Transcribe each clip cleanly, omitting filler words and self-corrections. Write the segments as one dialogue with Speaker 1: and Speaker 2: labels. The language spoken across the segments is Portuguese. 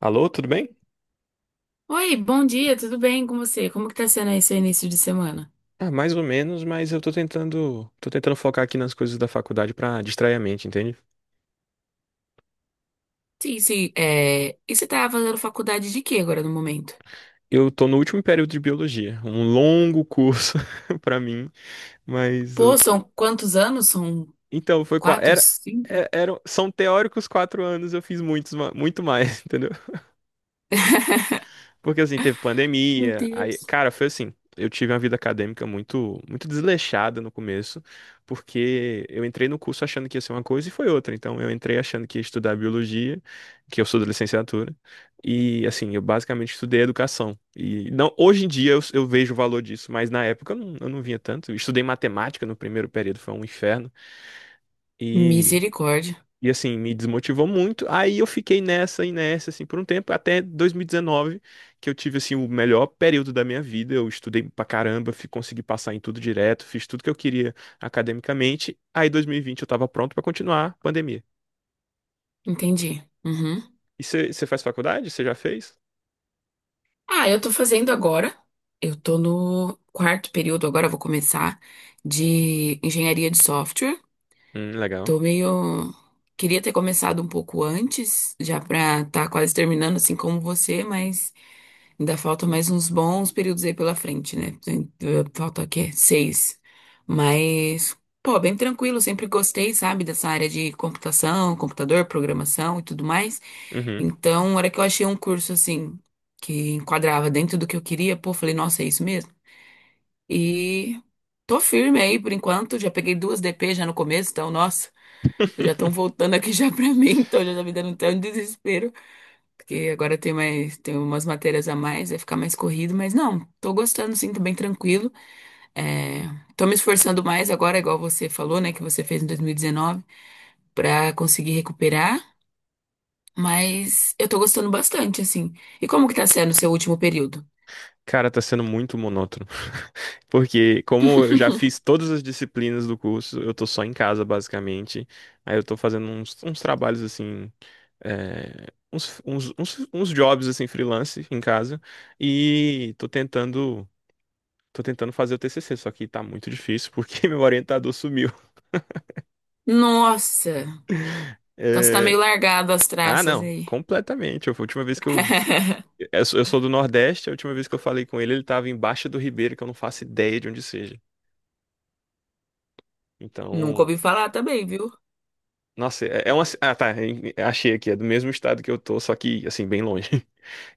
Speaker 1: Alô, tudo bem?
Speaker 2: Oi, bom dia, tudo bem com você? Como que tá sendo esse início de semana?
Speaker 1: Ah, mais ou menos, mas eu tô tentando focar aqui nas coisas da faculdade pra distrair a mente, entende?
Speaker 2: Sim, sim. E você tá fazendo faculdade de quê agora no momento?
Speaker 1: Eu tô no último período de biologia, um longo curso pra mim, mas
Speaker 2: Pô, são quantos anos? São
Speaker 1: então foi qua-
Speaker 2: quatro,
Speaker 1: era,
Speaker 2: cinco?
Speaker 1: é- eram são teóricos 4 anos, eu fiz muitos, muito mais, entendeu? Porque assim, teve
Speaker 2: Meu
Speaker 1: pandemia, aí,
Speaker 2: Deus.
Speaker 1: cara, foi assim, eu tive uma vida acadêmica muito muito desleixada no começo, porque eu entrei no curso achando que ia ser uma coisa e foi outra. Então eu entrei achando que ia estudar biologia, que eu sou da licenciatura, e assim, eu basicamente estudei educação. E não, hoje em dia eu vejo o valor disso, mas na época eu não vinha tanto. Eu estudei matemática no primeiro período, foi um inferno. E
Speaker 2: Misericórdia.
Speaker 1: e assim, me desmotivou muito. Aí eu fiquei nessa e nessa, assim, por um tempo, até 2019, que eu tive, assim, o melhor período da minha vida. Eu estudei pra caramba, consegui passar em tudo direto, fiz tudo que eu queria academicamente. Aí, 2020, eu tava pronto pra continuar a pandemia.
Speaker 2: Entendi. Uhum.
Speaker 1: E você faz faculdade? Você já fez?
Speaker 2: Ah, eu tô fazendo agora. Eu tô no quarto período agora, eu vou começar de engenharia de software.
Speaker 1: Legal.
Speaker 2: Tô meio. Queria ter começado um pouco antes, já pra estar quase terminando, assim como você, mas. Ainda falta mais uns bons períodos aí pela frente, né? Falta o quê? Seis. Mas, pô, bem tranquilo, sempre gostei, sabe, dessa área de computação, computador, programação e tudo mais.
Speaker 1: Uhum.
Speaker 2: Então, na hora que eu achei um curso assim, que enquadrava dentro do que eu queria, pô, falei, nossa, é isso mesmo. E tô firme aí por enquanto, já peguei duas DP já no começo, então, nossa, já estão voltando aqui já pra mim, então já tá me dando até um desespero. Porque agora tem mais, tem umas matérias a mais, vai ficar mais corrido, mas não, tô gostando sim, tô bem tranquilo. É, Tô me esforçando mais agora, igual você falou, né, que você fez em 2019, pra conseguir recuperar, mas eu tô gostando bastante, assim. E como que tá sendo o seu último período?
Speaker 1: Cara, tá sendo muito monótono. Porque, como eu já fiz todas as disciplinas do curso, eu tô só em casa, basicamente. Aí eu tô fazendo uns trabalhos assim. Uns jobs assim freelance em casa e tô tentando fazer o TCC, só que tá muito difícil porque meu orientador sumiu.
Speaker 2: Nossa, então você tá
Speaker 1: É.
Speaker 2: meio largado as
Speaker 1: Ah,
Speaker 2: traças
Speaker 1: não,
Speaker 2: aí.
Speaker 1: completamente. A última vez que eu sou do Nordeste, a última vez que eu falei com ele, ele tava em Baixa do Ribeiro, que eu não faço ideia de onde seja.
Speaker 2: Nunca
Speaker 1: Então,
Speaker 2: ouvi falar também, viu?
Speaker 1: nossa, é uma. Ah, tá. Achei aqui. É do mesmo estado que eu tô, só que, assim, bem longe.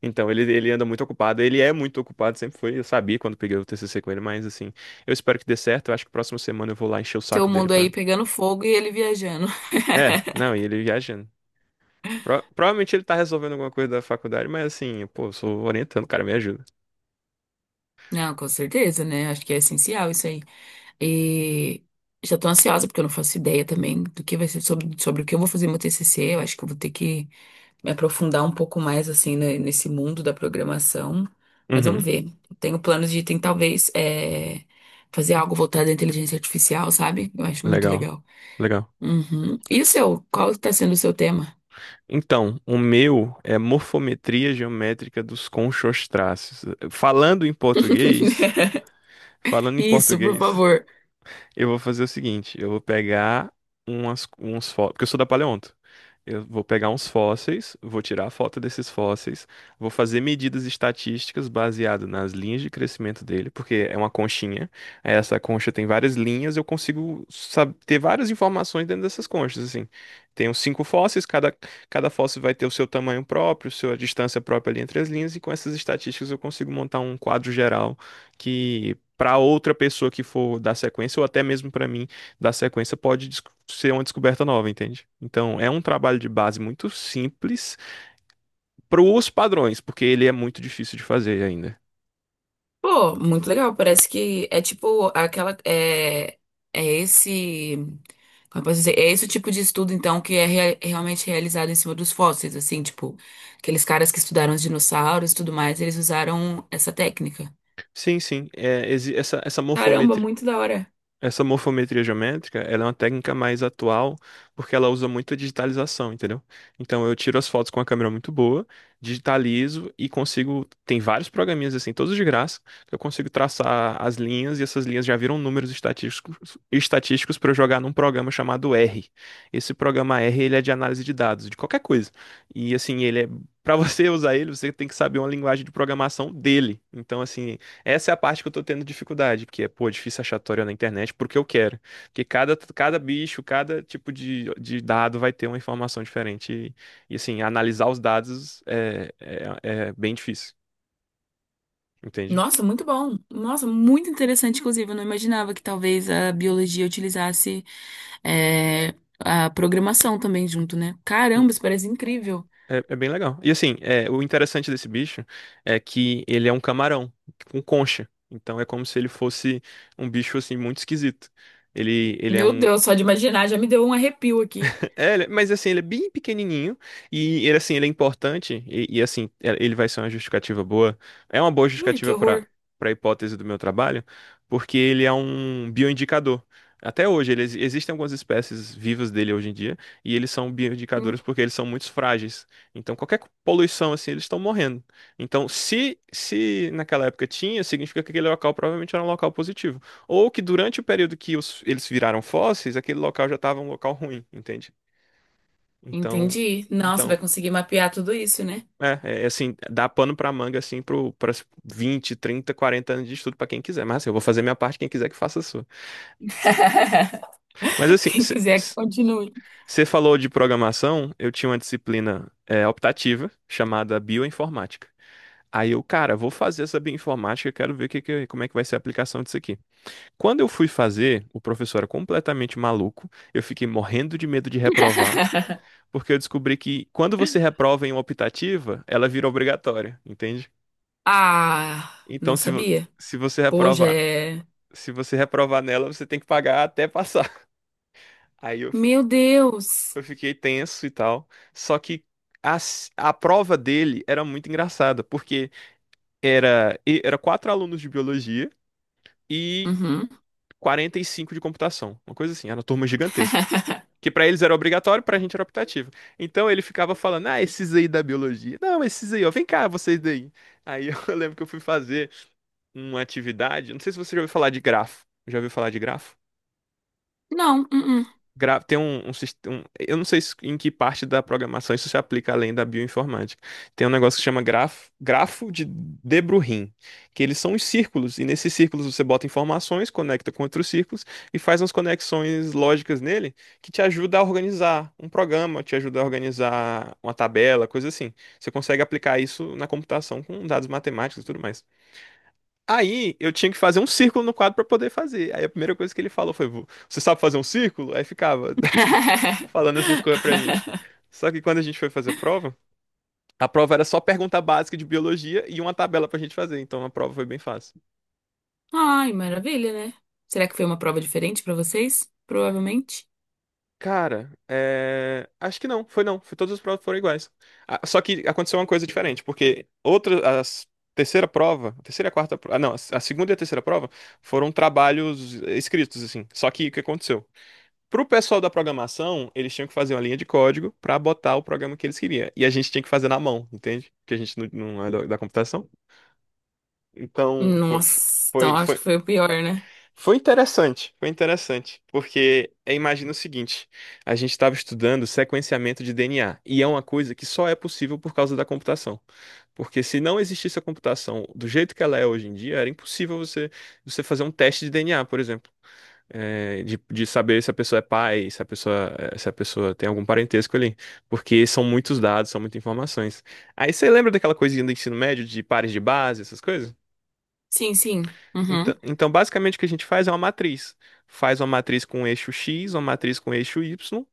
Speaker 1: Então, ele anda muito ocupado. Ele é muito ocupado, sempre foi. Eu sabia quando peguei o TCC com ele, mas, assim, eu espero que dê certo. Eu acho que próxima semana eu vou lá encher o
Speaker 2: Seu
Speaker 1: saco dele
Speaker 2: mundo aí
Speaker 1: pra.
Speaker 2: pegando fogo e ele viajando.
Speaker 1: É, não, e ele viajando. Provavelmente ele tá resolvendo alguma coisa da faculdade, mas, assim, pô, eu sou orientando, o cara, me ajuda.
Speaker 2: Não, com certeza, né? Acho que é essencial isso aí. E já tô ansiosa, porque eu não faço ideia também do que vai ser sobre, sobre o que eu vou fazer no meu TCC. Eu acho que eu vou ter que me aprofundar um pouco mais, assim, nesse mundo da programação. Mas vamos
Speaker 1: Uhum,
Speaker 2: ver. Eu tenho planos de, tem, talvez, fazer algo voltado à inteligência artificial, sabe? Eu acho muito
Speaker 1: legal.
Speaker 2: legal.
Speaker 1: Legal.
Speaker 2: Uhum. E o seu? Qual está sendo o seu tema?
Speaker 1: Então, o meu é morfometria geométrica dos conchostráceos. Falando em português, falando em
Speaker 2: Isso, por
Speaker 1: português.
Speaker 2: favor.
Speaker 1: Eu vou fazer o seguinte, eu vou pegar uns fósseis, porque eu sou da paleonto. Eu vou pegar uns fósseis, vou tirar a foto desses fósseis, vou fazer medidas estatísticas baseado nas linhas de crescimento dele, porque é uma conchinha. Aí Essa concha tem várias linhas, eu consigo ter várias informações dentro dessas conchas, assim. Tenho 5 fósseis, cada fóssil vai ter o seu tamanho próprio, sua distância própria ali entre as linhas, e com essas estatísticas eu consigo montar um quadro geral para outra pessoa que for dar sequência, ou até mesmo para mim dar sequência, pode ser uma descoberta nova, entende? Então, é um trabalho de base muito simples para os padrões, porque ele é muito difícil de fazer ainda.
Speaker 2: Pô, muito legal. Parece que é tipo aquela. É, é esse. Como eu posso dizer? É esse o tipo de estudo, então, que é realmente realizado em cima dos fósseis, assim, tipo, aqueles caras que estudaram os dinossauros e tudo mais, eles usaram essa técnica.
Speaker 1: Sim, sim. Essa
Speaker 2: Caramba,
Speaker 1: morfometria,
Speaker 2: muito da hora.
Speaker 1: essa morfometria geométrica, ela é uma técnica mais atual, porque ela usa muito a digitalização, entendeu? Então eu tiro as fotos com uma câmera muito boa, digitalizo e consigo, tem vários programinhas assim, todos de graça, que eu consigo traçar as linhas e essas linhas já viram números estatísticos para eu jogar num programa chamado R. Esse programa R, ele é de análise de dados, de qualquer coisa. E assim, ele é para você usar ele, você tem que saber uma linguagem de programação dele. Então assim, essa é a parte que eu tô tendo dificuldade, porque pô, é difícil achar tutorial na internet porque eu quero. Porque cada bicho, cada tipo de dado vai ter uma informação diferente. E, assim, analisar os dados é bem difícil, entende?
Speaker 2: Nossa, muito bom. Nossa, muito interessante, inclusive. Eu não imaginava que talvez a biologia utilizasse é, a programação também junto, né?
Speaker 1: Hum.
Speaker 2: Caramba, isso parece incrível.
Speaker 1: É, é bem legal. E assim, é, o interessante desse bicho é que ele é um camarão com concha. Então é como se ele fosse um bicho assim muito esquisito. Ele é
Speaker 2: Meu
Speaker 1: um...
Speaker 2: Deus, só de imaginar já me deu um arrepio aqui.
Speaker 1: É, mas assim, ele é bem pequenininho e ele assim, ele é importante e ele vai ser uma justificativa boa. É uma boa
Speaker 2: Ai, que
Speaker 1: justificativa
Speaker 2: horror.
Speaker 1: para a hipótese do meu trabalho, porque ele é um bioindicador. Até hoje, existem algumas espécies vivas dele hoje em dia e eles são
Speaker 2: Hum,
Speaker 1: bioindicadores porque eles são muito frágeis. Então, qualquer poluição assim, eles estão morrendo. Então, se naquela época tinha, significa que aquele local provavelmente era um local positivo, ou que durante o período que eles viraram fósseis, aquele local já estava um local ruim, entende? Então,
Speaker 2: entendi. Não, você
Speaker 1: então,
Speaker 2: vai conseguir mapear tudo isso, né?
Speaker 1: é assim, dá pano pra manga assim pro para 20, 30, 40 anos de estudo pra quem quiser. Mas assim, eu vou fazer minha parte, quem quiser que faça a sua. Mas assim,
Speaker 2: Quem quiser que continue.
Speaker 1: você falou de programação, eu tinha uma disciplina optativa chamada bioinformática. Aí eu, cara, vou fazer essa bioinformática, quero ver como é que vai ser a aplicação disso aqui. Quando eu fui fazer, o professor era completamente maluco, eu fiquei morrendo de medo de reprovar, porque eu descobri que quando você reprova em uma optativa, ela vira obrigatória, entende?
Speaker 2: Ah, não
Speaker 1: Então,
Speaker 2: sabia.
Speaker 1: se você
Speaker 2: Pô, já
Speaker 1: reprovar,
Speaker 2: é.
Speaker 1: se você reprovar nela, você tem que pagar até passar. Aí eu, fi-
Speaker 2: Meu Deus.
Speaker 1: eu fiquei tenso e tal. Só que a prova dele era muito engraçada, porque era 4 alunos de biologia e
Speaker 2: Uhum.
Speaker 1: 45 de computação. Uma coisa assim, era uma turma gigantesca. Que pra eles era obrigatório, pra gente era optativo. Então ele ficava falando, ah, esses aí da biologia. Não, esses aí, ó, vem cá, vocês daí. Aí eu lembro que eu fui fazer uma atividade, não sei se você já ouviu falar de grafo. Já ouviu falar de grafo?
Speaker 2: Não, uh-uh.
Speaker 1: Tem um sistema. Eu não sei em que parte da programação isso se aplica além da bioinformática. Tem um negócio que chama grafo, grafo de De Broglie, que eles são os círculos, e nesses círculos você bota informações, conecta com outros círculos e faz umas conexões lógicas nele que te ajuda a organizar um programa, te ajuda a organizar uma tabela, coisa assim. Você consegue aplicar isso na computação com dados matemáticos e tudo mais. Aí eu tinha que fazer um círculo no quadro pra poder fazer. Aí a primeira coisa que ele falou foi: Você sabe fazer um círculo?" Aí ficava falando essas coisas pra gente. Só que quando a gente foi fazer a prova era só pergunta básica de biologia e uma tabela pra gente fazer. Então a prova foi bem fácil.
Speaker 2: Ai, maravilha, né? Será que foi uma prova diferente pra vocês? Provavelmente.
Speaker 1: Cara, é... acho que não, foi não. Foi, todas as provas foram iguais. Ah, só que aconteceu uma coisa diferente, porque outra, as terceira prova, a terceira e a quarta prova, ah, não, a segunda e a terceira prova foram trabalhos escritos, assim. Só que o que aconteceu? Pro pessoal da programação, eles tinham que fazer uma linha de código para botar o programa que eles queriam. E a gente tinha que fazer na mão, entende? Porque a gente não é da computação. Então,
Speaker 2: Nossa, então
Speaker 1: foi,
Speaker 2: acho que
Speaker 1: foi,
Speaker 2: foi o pior, né?
Speaker 1: foi interessante. Foi interessante. Porque é, imagina o seguinte: a gente estava estudando sequenciamento de DNA. E é uma coisa que só é possível por causa da computação. Porque se não existisse a computação do jeito que ela é hoje em dia, era impossível você fazer um teste de DNA, por exemplo de saber se a pessoa é pai, se a pessoa, se a pessoa tem algum parentesco ali. Porque são muitos dados, são muitas informações. Aí você lembra daquela coisinha do ensino médio, de pares de base, essas coisas?
Speaker 2: Sim, sim. Uhum.
Speaker 1: Então, então, basicamente o que a gente faz é uma matriz. Faz uma matriz com eixo X, uma matriz com eixo Y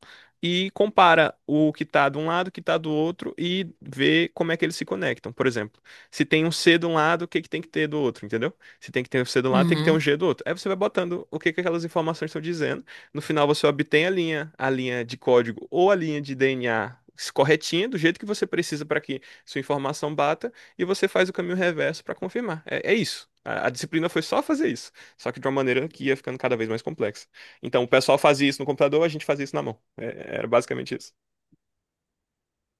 Speaker 1: e compara o que está de um lado, o que está do outro e vê como é que eles se conectam. Por exemplo, se tem um C de um lado, o que que tem que ter do outro, entendeu? Se tem que ter um C de um lado, tem que ter um
Speaker 2: Uhum.
Speaker 1: G do outro. Aí você vai botando o que que aquelas informações estão dizendo. No final você obtém a linha de código ou a linha de DNA corretinha, do jeito que você precisa para que sua informação bata e você faz o caminho reverso para confirmar. É, é isso. A disciplina foi só fazer isso, só que de uma maneira que ia ficando cada vez mais complexa. Então, o pessoal fazia isso no computador, a gente fazia isso na mão. Era basicamente isso.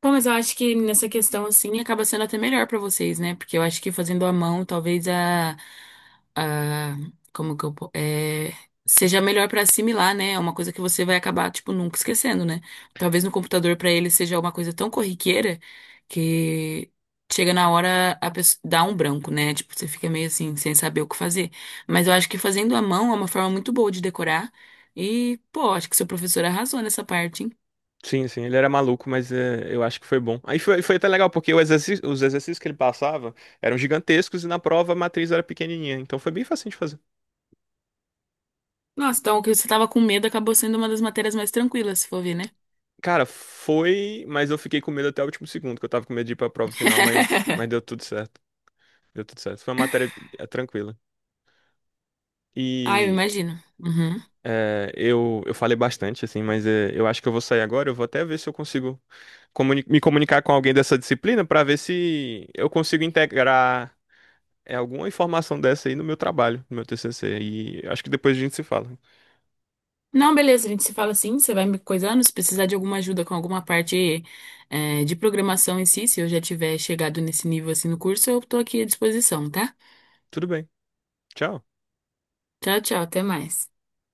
Speaker 2: Pô, mas eu acho que nessa questão, assim, acaba sendo até melhor pra vocês, né? Porque eu acho que fazendo à mão, talvez a, como que eu, seja melhor pra assimilar, né? É uma coisa que você vai acabar, tipo, nunca esquecendo, né? Talvez no computador pra ele seja uma coisa tão corriqueira que chega na hora a pessoa dá um branco, né? Tipo, você fica meio assim, sem saber o que fazer. Mas eu acho que fazendo à mão é uma forma muito boa de decorar. E, pô, acho que seu professor arrasou nessa parte, hein?
Speaker 1: Sim, sim, ele era maluco, mas é, eu acho que foi bom. Aí foi até legal, porque os exercícios que ele passava eram gigantescos e na prova a matriz era pequenininha, então foi bem fácil de fazer.
Speaker 2: Nossa, então o que você tava com medo acabou sendo uma das matérias mais tranquilas, se for ver, né?
Speaker 1: Cara, foi, mas eu fiquei com medo até o último segundo, que eu tava com medo de ir pra prova final, mas deu tudo certo. Deu tudo certo. Foi uma matéria tranquila.
Speaker 2: Ah, eu
Speaker 1: E...
Speaker 2: imagino. Uhum.
Speaker 1: É, eu falei bastante, assim, mas é, eu acho que eu vou sair agora. Eu vou até ver se eu consigo me comunicar com alguém dessa disciplina para ver se eu consigo integrar alguma informação dessa aí no meu trabalho, no meu TCC. E acho que depois a gente se fala.
Speaker 2: Não, beleza, a gente se fala assim, você vai me coisando, se precisar de alguma ajuda com alguma parte de programação em si, se eu já tiver chegado nesse nível assim no curso, eu tô aqui à disposição, tá?
Speaker 1: Tudo bem. Tchau.
Speaker 2: Tchau, tchau, até mais.